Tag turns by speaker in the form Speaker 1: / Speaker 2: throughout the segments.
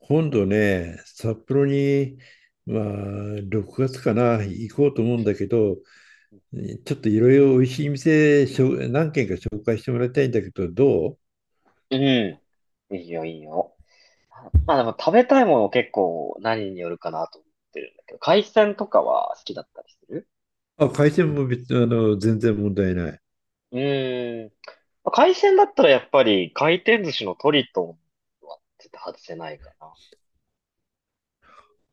Speaker 1: 今度ね、札幌に、まあ、6月かな、行こうと思うんだけど、ちょっといろいろおいしい店、しょ何軒か紹介してもらいたいんだけど、どう？
Speaker 2: うん。いいよ、いいよ。まあでも食べたいもの結構何によるかなと思ってるんだけど、海鮮とかは好きだったりする？
Speaker 1: あ、海鮮も別、全然問題ない。
Speaker 2: うーん。まあ海鮮だったらやっぱり回転寿司のトリトンは絶対外せないかな。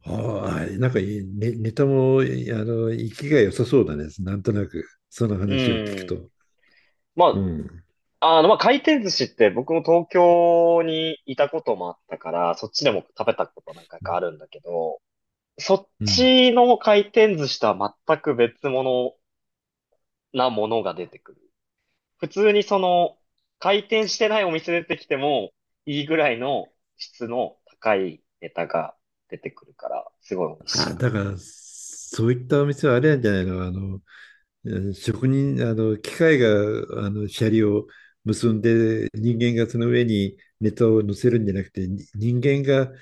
Speaker 1: ああ、なんかいい、ね、ネタも、生きが良さそうだね。なんとなく、その
Speaker 2: う
Speaker 1: 話を聞く
Speaker 2: ーん。
Speaker 1: と。う
Speaker 2: ま
Speaker 1: ん。
Speaker 2: あ、まあ回転寿司って僕も東京にいたこともあったから、そっちでも食べたこと何回かあるんだけど、そっ
Speaker 1: うん。
Speaker 2: ちの回転寿司とは全く別物なものが出てくる。普通に回転してないお店出てきても、いいぐらいの質の高いネタが出てくるから、すごい美味しい
Speaker 1: あ、
Speaker 2: か。
Speaker 1: だから、そういったお店はあれなんじゃないの？職人、機械が、シャリを結んで、人間がその上にネタを乗せるんじゃなくて、に人間が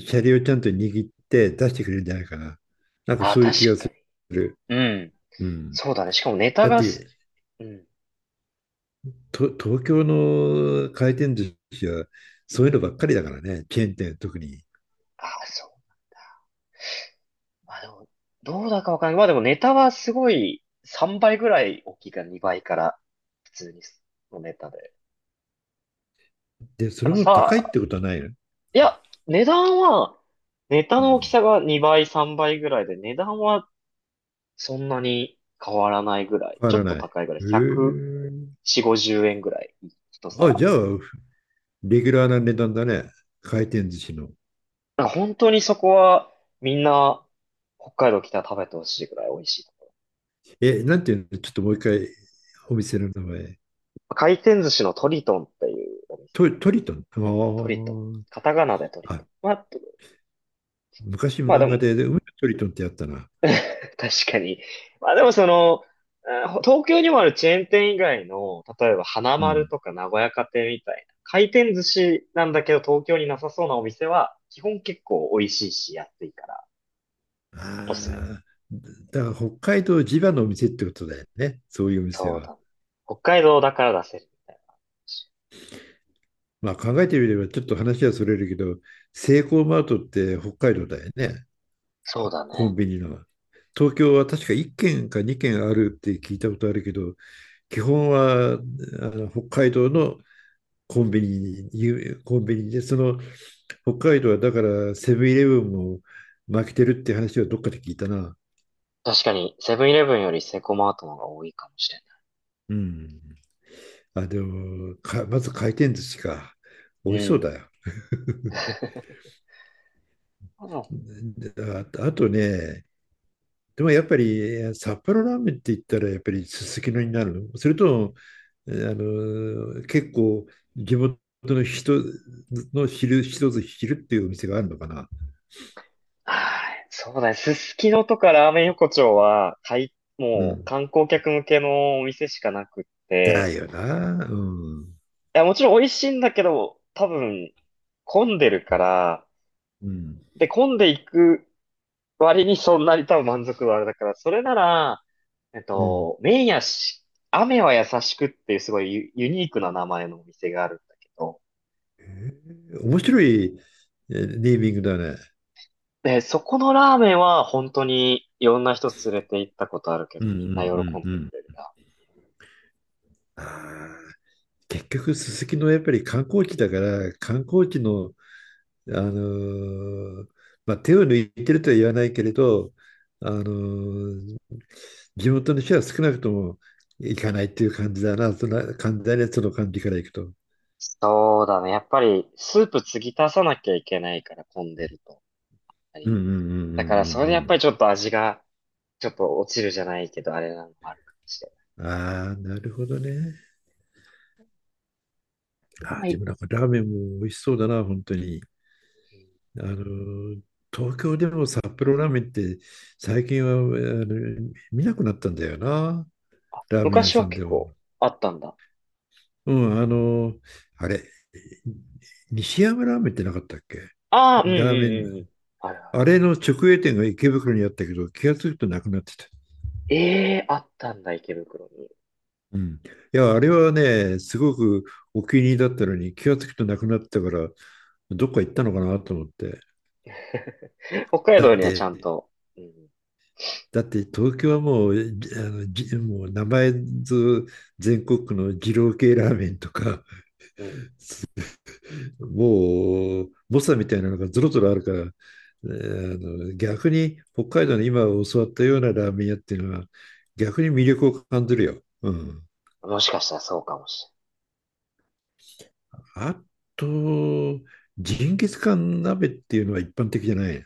Speaker 1: シャリをちゃんと握って出してくれるんじゃないかな。なんか
Speaker 2: ああ、
Speaker 1: そういう
Speaker 2: 確
Speaker 1: 気が
Speaker 2: か
Speaker 1: す
Speaker 2: に。
Speaker 1: る。
Speaker 2: うん。
Speaker 1: うん。
Speaker 2: そうだね。しかもネタ
Speaker 1: だっ
Speaker 2: が
Speaker 1: て、
Speaker 2: す、うん。
Speaker 1: と、東京の回転寿司は、そういうのばっかりだからね、チェーン店特に。
Speaker 2: ああ、そう。まあでも、どうだかわかんない。まあでもネタはすごい3倍ぐらい大きいから、2倍から普通にのネタで。
Speaker 1: で、そ
Speaker 2: や
Speaker 1: れ
Speaker 2: っぱ
Speaker 1: も高いっ
Speaker 2: さ、
Speaker 1: てことはないの？
Speaker 2: いや、値段は、ネタ
Speaker 1: う
Speaker 2: の大き
Speaker 1: ん。
Speaker 2: さが2倍、3倍ぐらいで、値段はそんなに変わらないぐらい。
Speaker 1: 変わ
Speaker 2: ちょ
Speaker 1: ら
Speaker 2: っ
Speaker 1: な
Speaker 2: と
Speaker 1: い。へ
Speaker 2: 高いぐらい。
Speaker 1: え。
Speaker 2: 140、50円ぐらい。一
Speaker 1: あ、
Speaker 2: 皿。
Speaker 1: じゃあ、レギュラーな値段だね。回転寿司の。
Speaker 2: なんか本当にそこはみんな北海道来たら食べてほしいぐらい美味しい。
Speaker 1: え、なんていうの、ちょっともう一回、お店の名前。
Speaker 2: 回転寿司のトリトンっていうお店。
Speaker 1: ト、トリトン。あ
Speaker 2: トリトン。カタカナでトリ
Speaker 1: ー、
Speaker 2: ト
Speaker 1: あ、
Speaker 2: ン。まあ、
Speaker 1: 昔
Speaker 2: まあで
Speaker 1: 漫
Speaker 2: も、
Speaker 1: 画で、で海のトリトンってやったな。
Speaker 2: 確かに。まあでも東京にもあるチェーン店以外の、例えば花
Speaker 1: う
Speaker 2: 丸
Speaker 1: ん。
Speaker 2: とか名古屋家庭みたいな、回転寿司なんだけど東京になさそうなお店は、基本結構美味しいし安いから、おすすめ。
Speaker 1: ああ、だから北海道地場のお店ってことだよね、そういうお店
Speaker 2: そう
Speaker 1: は。
Speaker 2: だね。北海道だから出せるみたいな話。
Speaker 1: 考えてみればちょっと話はそれるけど、セイコーマートって北海道だよね、
Speaker 2: そうだ
Speaker 1: コン
Speaker 2: ね。
Speaker 1: ビニの。
Speaker 2: う
Speaker 1: 東
Speaker 2: ん、
Speaker 1: 京は確か1軒か2軒あるって聞いたことあるけど、基本はあの北海道のコンビニに、コンビニで、その北海道はだからセブンイレブンも負けてるって話をどっかで聞いたな。
Speaker 2: 確かに、セブンイレブンよりセコマートの方が多いかもしれ
Speaker 1: うん。あ、でも、か、まず回転寿司か。美
Speaker 2: ない。
Speaker 1: 味しそ
Speaker 2: う
Speaker 1: う
Speaker 2: ん。
Speaker 1: だよ。
Speaker 2: うん、
Speaker 1: あ、あとね、でもやっぱり札幌ラーメンって言ったらやっぱりすすきのになるの、それとも、結構地元の人の昼、一つ昼っていうお店があるのかな。
Speaker 2: はい、そうだね。すすきのとかラーメン横丁は、
Speaker 1: う
Speaker 2: もう
Speaker 1: ん。
Speaker 2: 観光客向けのお店しかなくっ
Speaker 1: だ
Speaker 2: て、
Speaker 1: よな。うん。
Speaker 2: いや、もちろん美味しいんだけど、多分、混んでるから、
Speaker 1: うん。
Speaker 2: で、混んでいく割にそんなに多分満足度あれだから、それなら、
Speaker 1: うん。
Speaker 2: 麺やし、雨は優しくっていうすごいユニークな名前のお店があるんだけど、
Speaker 1: 面白いネーミングだね。
Speaker 2: で、そこのラーメンは本当にいろんな人連れて行ったことあるけ
Speaker 1: うん
Speaker 2: ど、
Speaker 1: うん
Speaker 2: みんな喜ん
Speaker 1: うんう
Speaker 2: でくれる
Speaker 1: ん。
Speaker 2: な。
Speaker 1: ああ、結局、すすきのやっぱり観光地だから、観光地の、あのーまあ、手を抜いてるとは言わないけれど、あのー地元の人は少なくとも行かないっていう感じだな、そんな簡単なその感じからいくと。
Speaker 2: そうだね。やっぱりスープ継ぎ足さなきゃいけないから混んでると。は
Speaker 1: うんう
Speaker 2: い、
Speaker 1: んうんうんう
Speaker 2: だからそれでやっぱり
Speaker 1: ん
Speaker 2: ちょっと味がちょっと落ちるじゃないけど、あれなのもあるかもしれな
Speaker 1: うん。ああ、なるほどね。
Speaker 2: い。
Speaker 1: あ
Speaker 2: う
Speaker 1: あ
Speaker 2: ま
Speaker 1: で
Speaker 2: い。
Speaker 1: もなんかラーメンも美味しそうだな、本当に。
Speaker 2: うん、
Speaker 1: あの、東京でも札幌ラーメンって最近はあの見なくなったんだよな、ラーメン屋
Speaker 2: 昔
Speaker 1: さ
Speaker 2: は
Speaker 1: ん
Speaker 2: 結
Speaker 1: でも。
Speaker 2: 構あったんだ。
Speaker 1: うん、あの、あれ、西山ラーメンってなかったっけ？
Speaker 2: ああ、うん、うん、
Speaker 1: ラーメン、
Speaker 2: うん、うん。あるあ
Speaker 1: あ
Speaker 2: る。
Speaker 1: れの直営店が池袋にあったけど、気がつくとなくなってた。
Speaker 2: ええ、あったんだ、池袋に。
Speaker 1: うん。いや、あれはね、すごくお気に入りだったのに、気がつくとなくなったから、どっか行ったのかなと思って。
Speaker 2: 北海
Speaker 1: だっ
Speaker 2: 道にはち
Speaker 1: て、
Speaker 2: ゃんと、うん、
Speaker 1: だって東京はもう、じもう名前ず全国区の二郎系ラーメンとか、
Speaker 2: うん。
Speaker 1: もう、猛者みたいなのがぞろぞろあるから、えー逆に北海道の今教わったようなラーメン屋っていうのは、逆に魅力を感じるよ。うん。
Speaker 2: もしかしたらそうかもし
Speaker 1: あと、ジンギスカン鍋っていうのは一般的じゃない？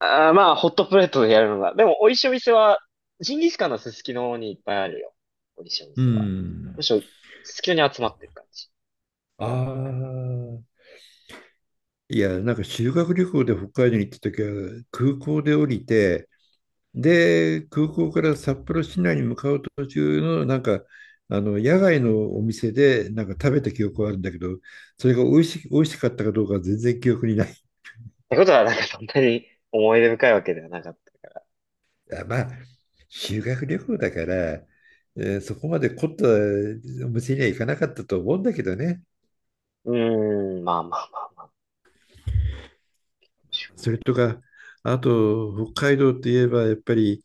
Speaker 2: れない。ああ、まあ、ホットプレートでやるのが。でも、美味しいお店は、ジンギスカンのすすきのにいっぱいあるよ。美味しいお
Speaker 1: う
Speaker 2: 店は。
Speaker 1: ん。
Speaker 2: むしろ、すすきのに集まってる感じ。
Speaker 1: ああ。いや、なんか修学旅行で北海道に行った時は、空港で降りて、
Speaker 2: うん。っ
Speaker 1: で、空港から札幌市内に向かう途中の、なんか、野外のお店で、なんか食べた記憶はあるんだけど、それが美味し、美味しかったかどうかは全然記憶にない。
Speaker 2: てことは、なんかそんなに思い出深いわけではなかった。
Speaker 1: あ、まあ、修学旅行だから、そこまで凝ったお店には行かなかったと思うんだけどね。
Speaker 2: うーん、まあまあまあまあ。
Speaker 1: それとか、あと、北海道といえば、やっぱり、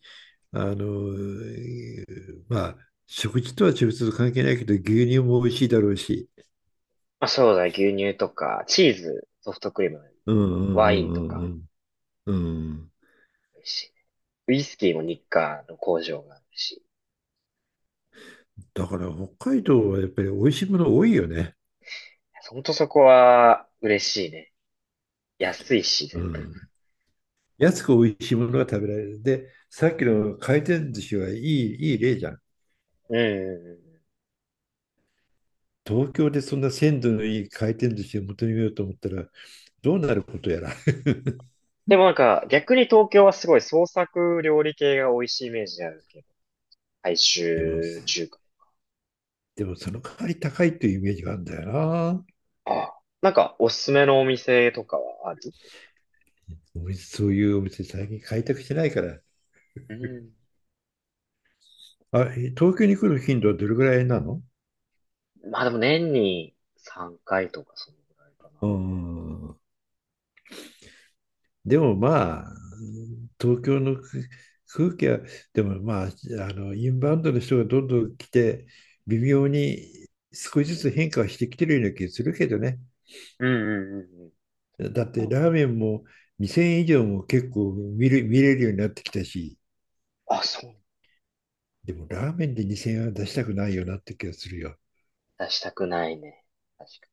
Speaker 1: あの、えーまあ、食事とは直接関係ないけど、牛乳も美味しいだろうし。
Speaker 2: まあ、そうだ、牛乳とか、チーズ、ソフトクリーム、
Speaker 1: うん
Speaker 2: ワインとか、
Speaker 1: うんうんうんうん。うん。
Speaker 2: 美味しいね。ウイスキーも日課の工場があるし。
Speaker 1: だから北海道はやっぱり美味しいもの多いよね。
Speaker 2: ほんとそこは、嬉しいね。安いし、
Speaker 1: う
Speaker 2: 全部。
Speaker 1: ん。安く美味しいものが食べられる。で、さっきの回転寿司はいい、いい例じゃん。
Speaker 2: うん、うん、うん。
Speaker 1: 東京でそんな鮮度のいい回転寿司を求めようと思ったらどうなることやら。
Speaker 2: でもなんか、逆に東京はすごい創作料理系が美味しいイメージであるけど、大
Speaker 1: でも、
Speaker 2: 衆中華。
Speaker 1: でもその代わり高いというイメージがあるんだよな。
Speaker 2: ああ。なんか、おすすめのお店とかはある？
Speaker 1: お店そういうお店最近開拓してないから。
Speaker 2: うん。
Speaker 1: あ、東京に来る頻度はどれぐらいなの？
Speaker 2: まあでも年に3回とかそのぐらいか
Speaker 1: う
Speaker 2: な。
Speaker 1: ん。でもまあ、東京の空空気は、でもまあ、インバウンドの人がどんどん来て、微妙に少しずつ変化はしてきてるような気がするけどね。
Speaker 2: うん、うん、うん、
Speaker 1: だっ
Speaker 2: う
Speaker 1: て
Speaker 2: ん。
Speaker 1: ラーメンも2000円以上も結構見る、見れるようになってきたし、
Speaker 2: あ、そう。
Speaker 1: でもラーメンで2000円は出したくないよなって気がするよ。
Speaker 2: 出したくないね。確か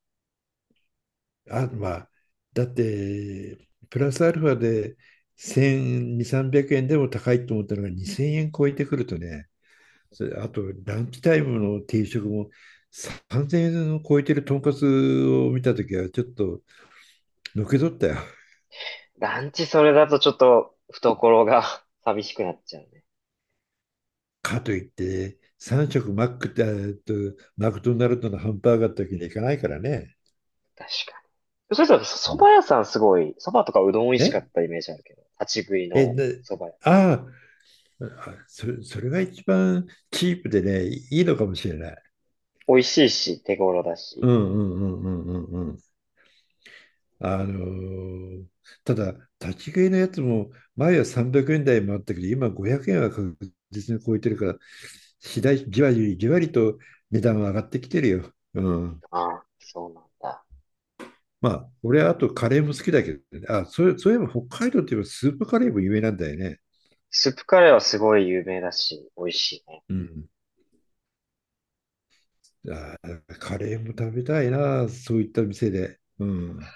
Speaker 1: あ、まあ、だって、プラスアルファで1200、300円でも高いと思ったのが2000円超えてくるとね、それあと、ランチタイムの定食も3000円を超えてるとんかつを見たときは、ちょっとのけ取ったよ。
Speaker 2: に。ランチそれだとちょっと懐が 寂しくなっちゃうね。
Speaker 1: かといって、3食マックって、マクドナルドのハンバーガーだけにはいかないからね。
Speaker 2: 確かに。それさ、
Speaker 1: う
Speaker 2: そ
Speaker 1: ん、
Speaker 2: ば屋さんすごい、そばとかうどん美味しか
Speaker 1: え
Speaker 2: ったイメージあるけど、立ち食い
Speaker 1: え、
Speaker 2: の
Speaker 1: な
Speaker 2: そば屋。
Speaker 1: あ、あ、それ、それが一番チープでね、いいのかもしれない。
Speaker 2: 美味しいし、手頃だ
Speaker 1: う
Speaker 2: し。
Speaker 1: んうんうんうんうんうん。あのーただ、立ち食いのやつも前は300円台もあったけど、今500円は確実に超えてるから、次第、じわりじわりと値段は上がってきてるよ。うん。
Speaker 2: ああ、そうなんだ。
Speaker 1: まあ、俺はあとカレーも好きだけどね。あ、そうそういえば北海道といえばスープカレーも有名なんだよね。
Speaker 2: スープカレーはすごい有名だし、美味しいね。
Speaker 1: うん。あー、カレーも食べたいな、そういった店で。うん。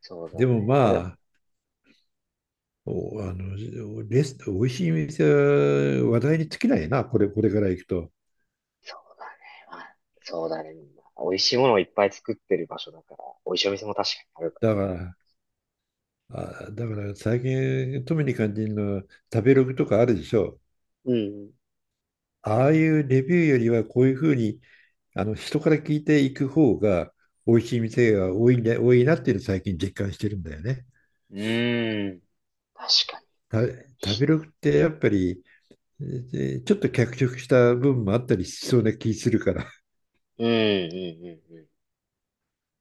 Speaker 2: そうだ
Speaker 1: でも
Speaker 2: ね。まあ、でも
Speaker 1: まあ、お、あの、レス、美味しい店は話題に尽きないな、これ、これから行くと。
Speaker 2: そうだね。まあ、そうだね。まあ美味しいものをいっぱい作ってる場所だから、美味しいお店も確かにあるか
Speaker 1: だから、あ、だから最近特に感じるのは食べログとかあるでしょ。
Speaker 2: ら。うん、
Speaker 1: ああいうレビューよりはこういうふうにあの人から聞いていく方が美味しい店が多いんだ、多いなっていうのを最近実感してるんだよね。
Speaker 2: うん。ーん。確かに。
Speaker 1: た食べログってやっぱりえちょっと脚色した部分もあったりしそうな気するから。
Speaker 2: うん、うん、うん、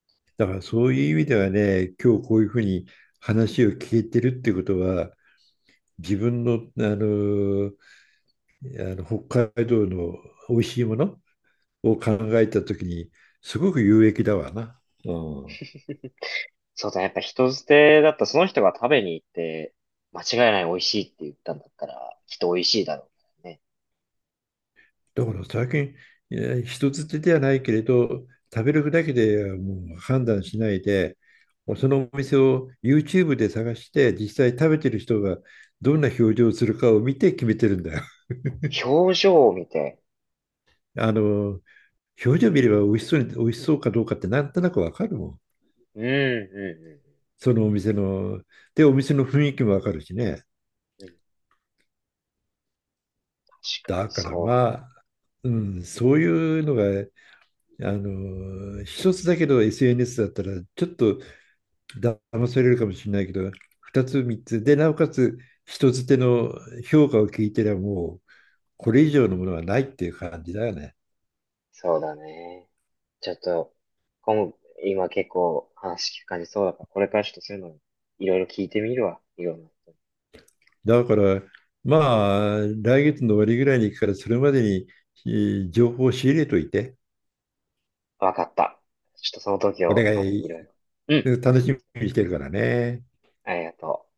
Speaker 1: だからそういう意味ではね、今日こういうふうに話を聞いてるってことは自分の、北海道の美味しいものを考
Speaker 2: うん。
Speaker 1: えたときに、すごく有益だわな。うん。
Speaker 2: そうだね。やっぱ人捨てだったらその人が食べに行って、間違いない美味しいって言ったんだったら、きっと美味しいだろうからね。
Speaker 1: だから最近、人づてではないけれど、食べるだけでもう判断しないで、そのお店を YouTube で探して、実際食べてる人がどんな表情をするかを見て決めてるんだよ。
Speaker 2: 表情を見て、
Speaker 1: あの、表情見れば美味しそうに、美味しそうかどうかってなんとなくわかるもん。
Speaker 2: うん、うん、
Speaker 1: そのお店の、で、お店の雰囲気もわかるしね。
Speaker 2: うん、うん。確かに、
Speaker 1: だから
Speaker 2: そ
Speaker 1: ま
Speaker 2: う。
Speaker 1: あ、うん、そういうのがあの一つだけど SNS だったら、ちょっと騙されるかもしれないけど、二つ、三つで、なおかつ、人づての評価を聞いてりゃもう、これ以上のものはないっていう感じだよね。
Speaker 2: そうだね。ちょっと、今、今結構話聞く感じそうだから、これからちょっとそういうの、いろいろ聞いてみるわ。いろんな人に。
Speaker 1: だから、まあ、来月の終わりぐらいに行くから、それまでにえ情報を仕入れといて、
Speaker 2: わかった。ちょっとその時
Speaker 1: 俺
Speaker 2: を、
Speaker 1: が
Speaker 2: まだいろいろ。うん。
Speaker 1: 楽しみにしてるからね。
Speaker 2: ありがとう。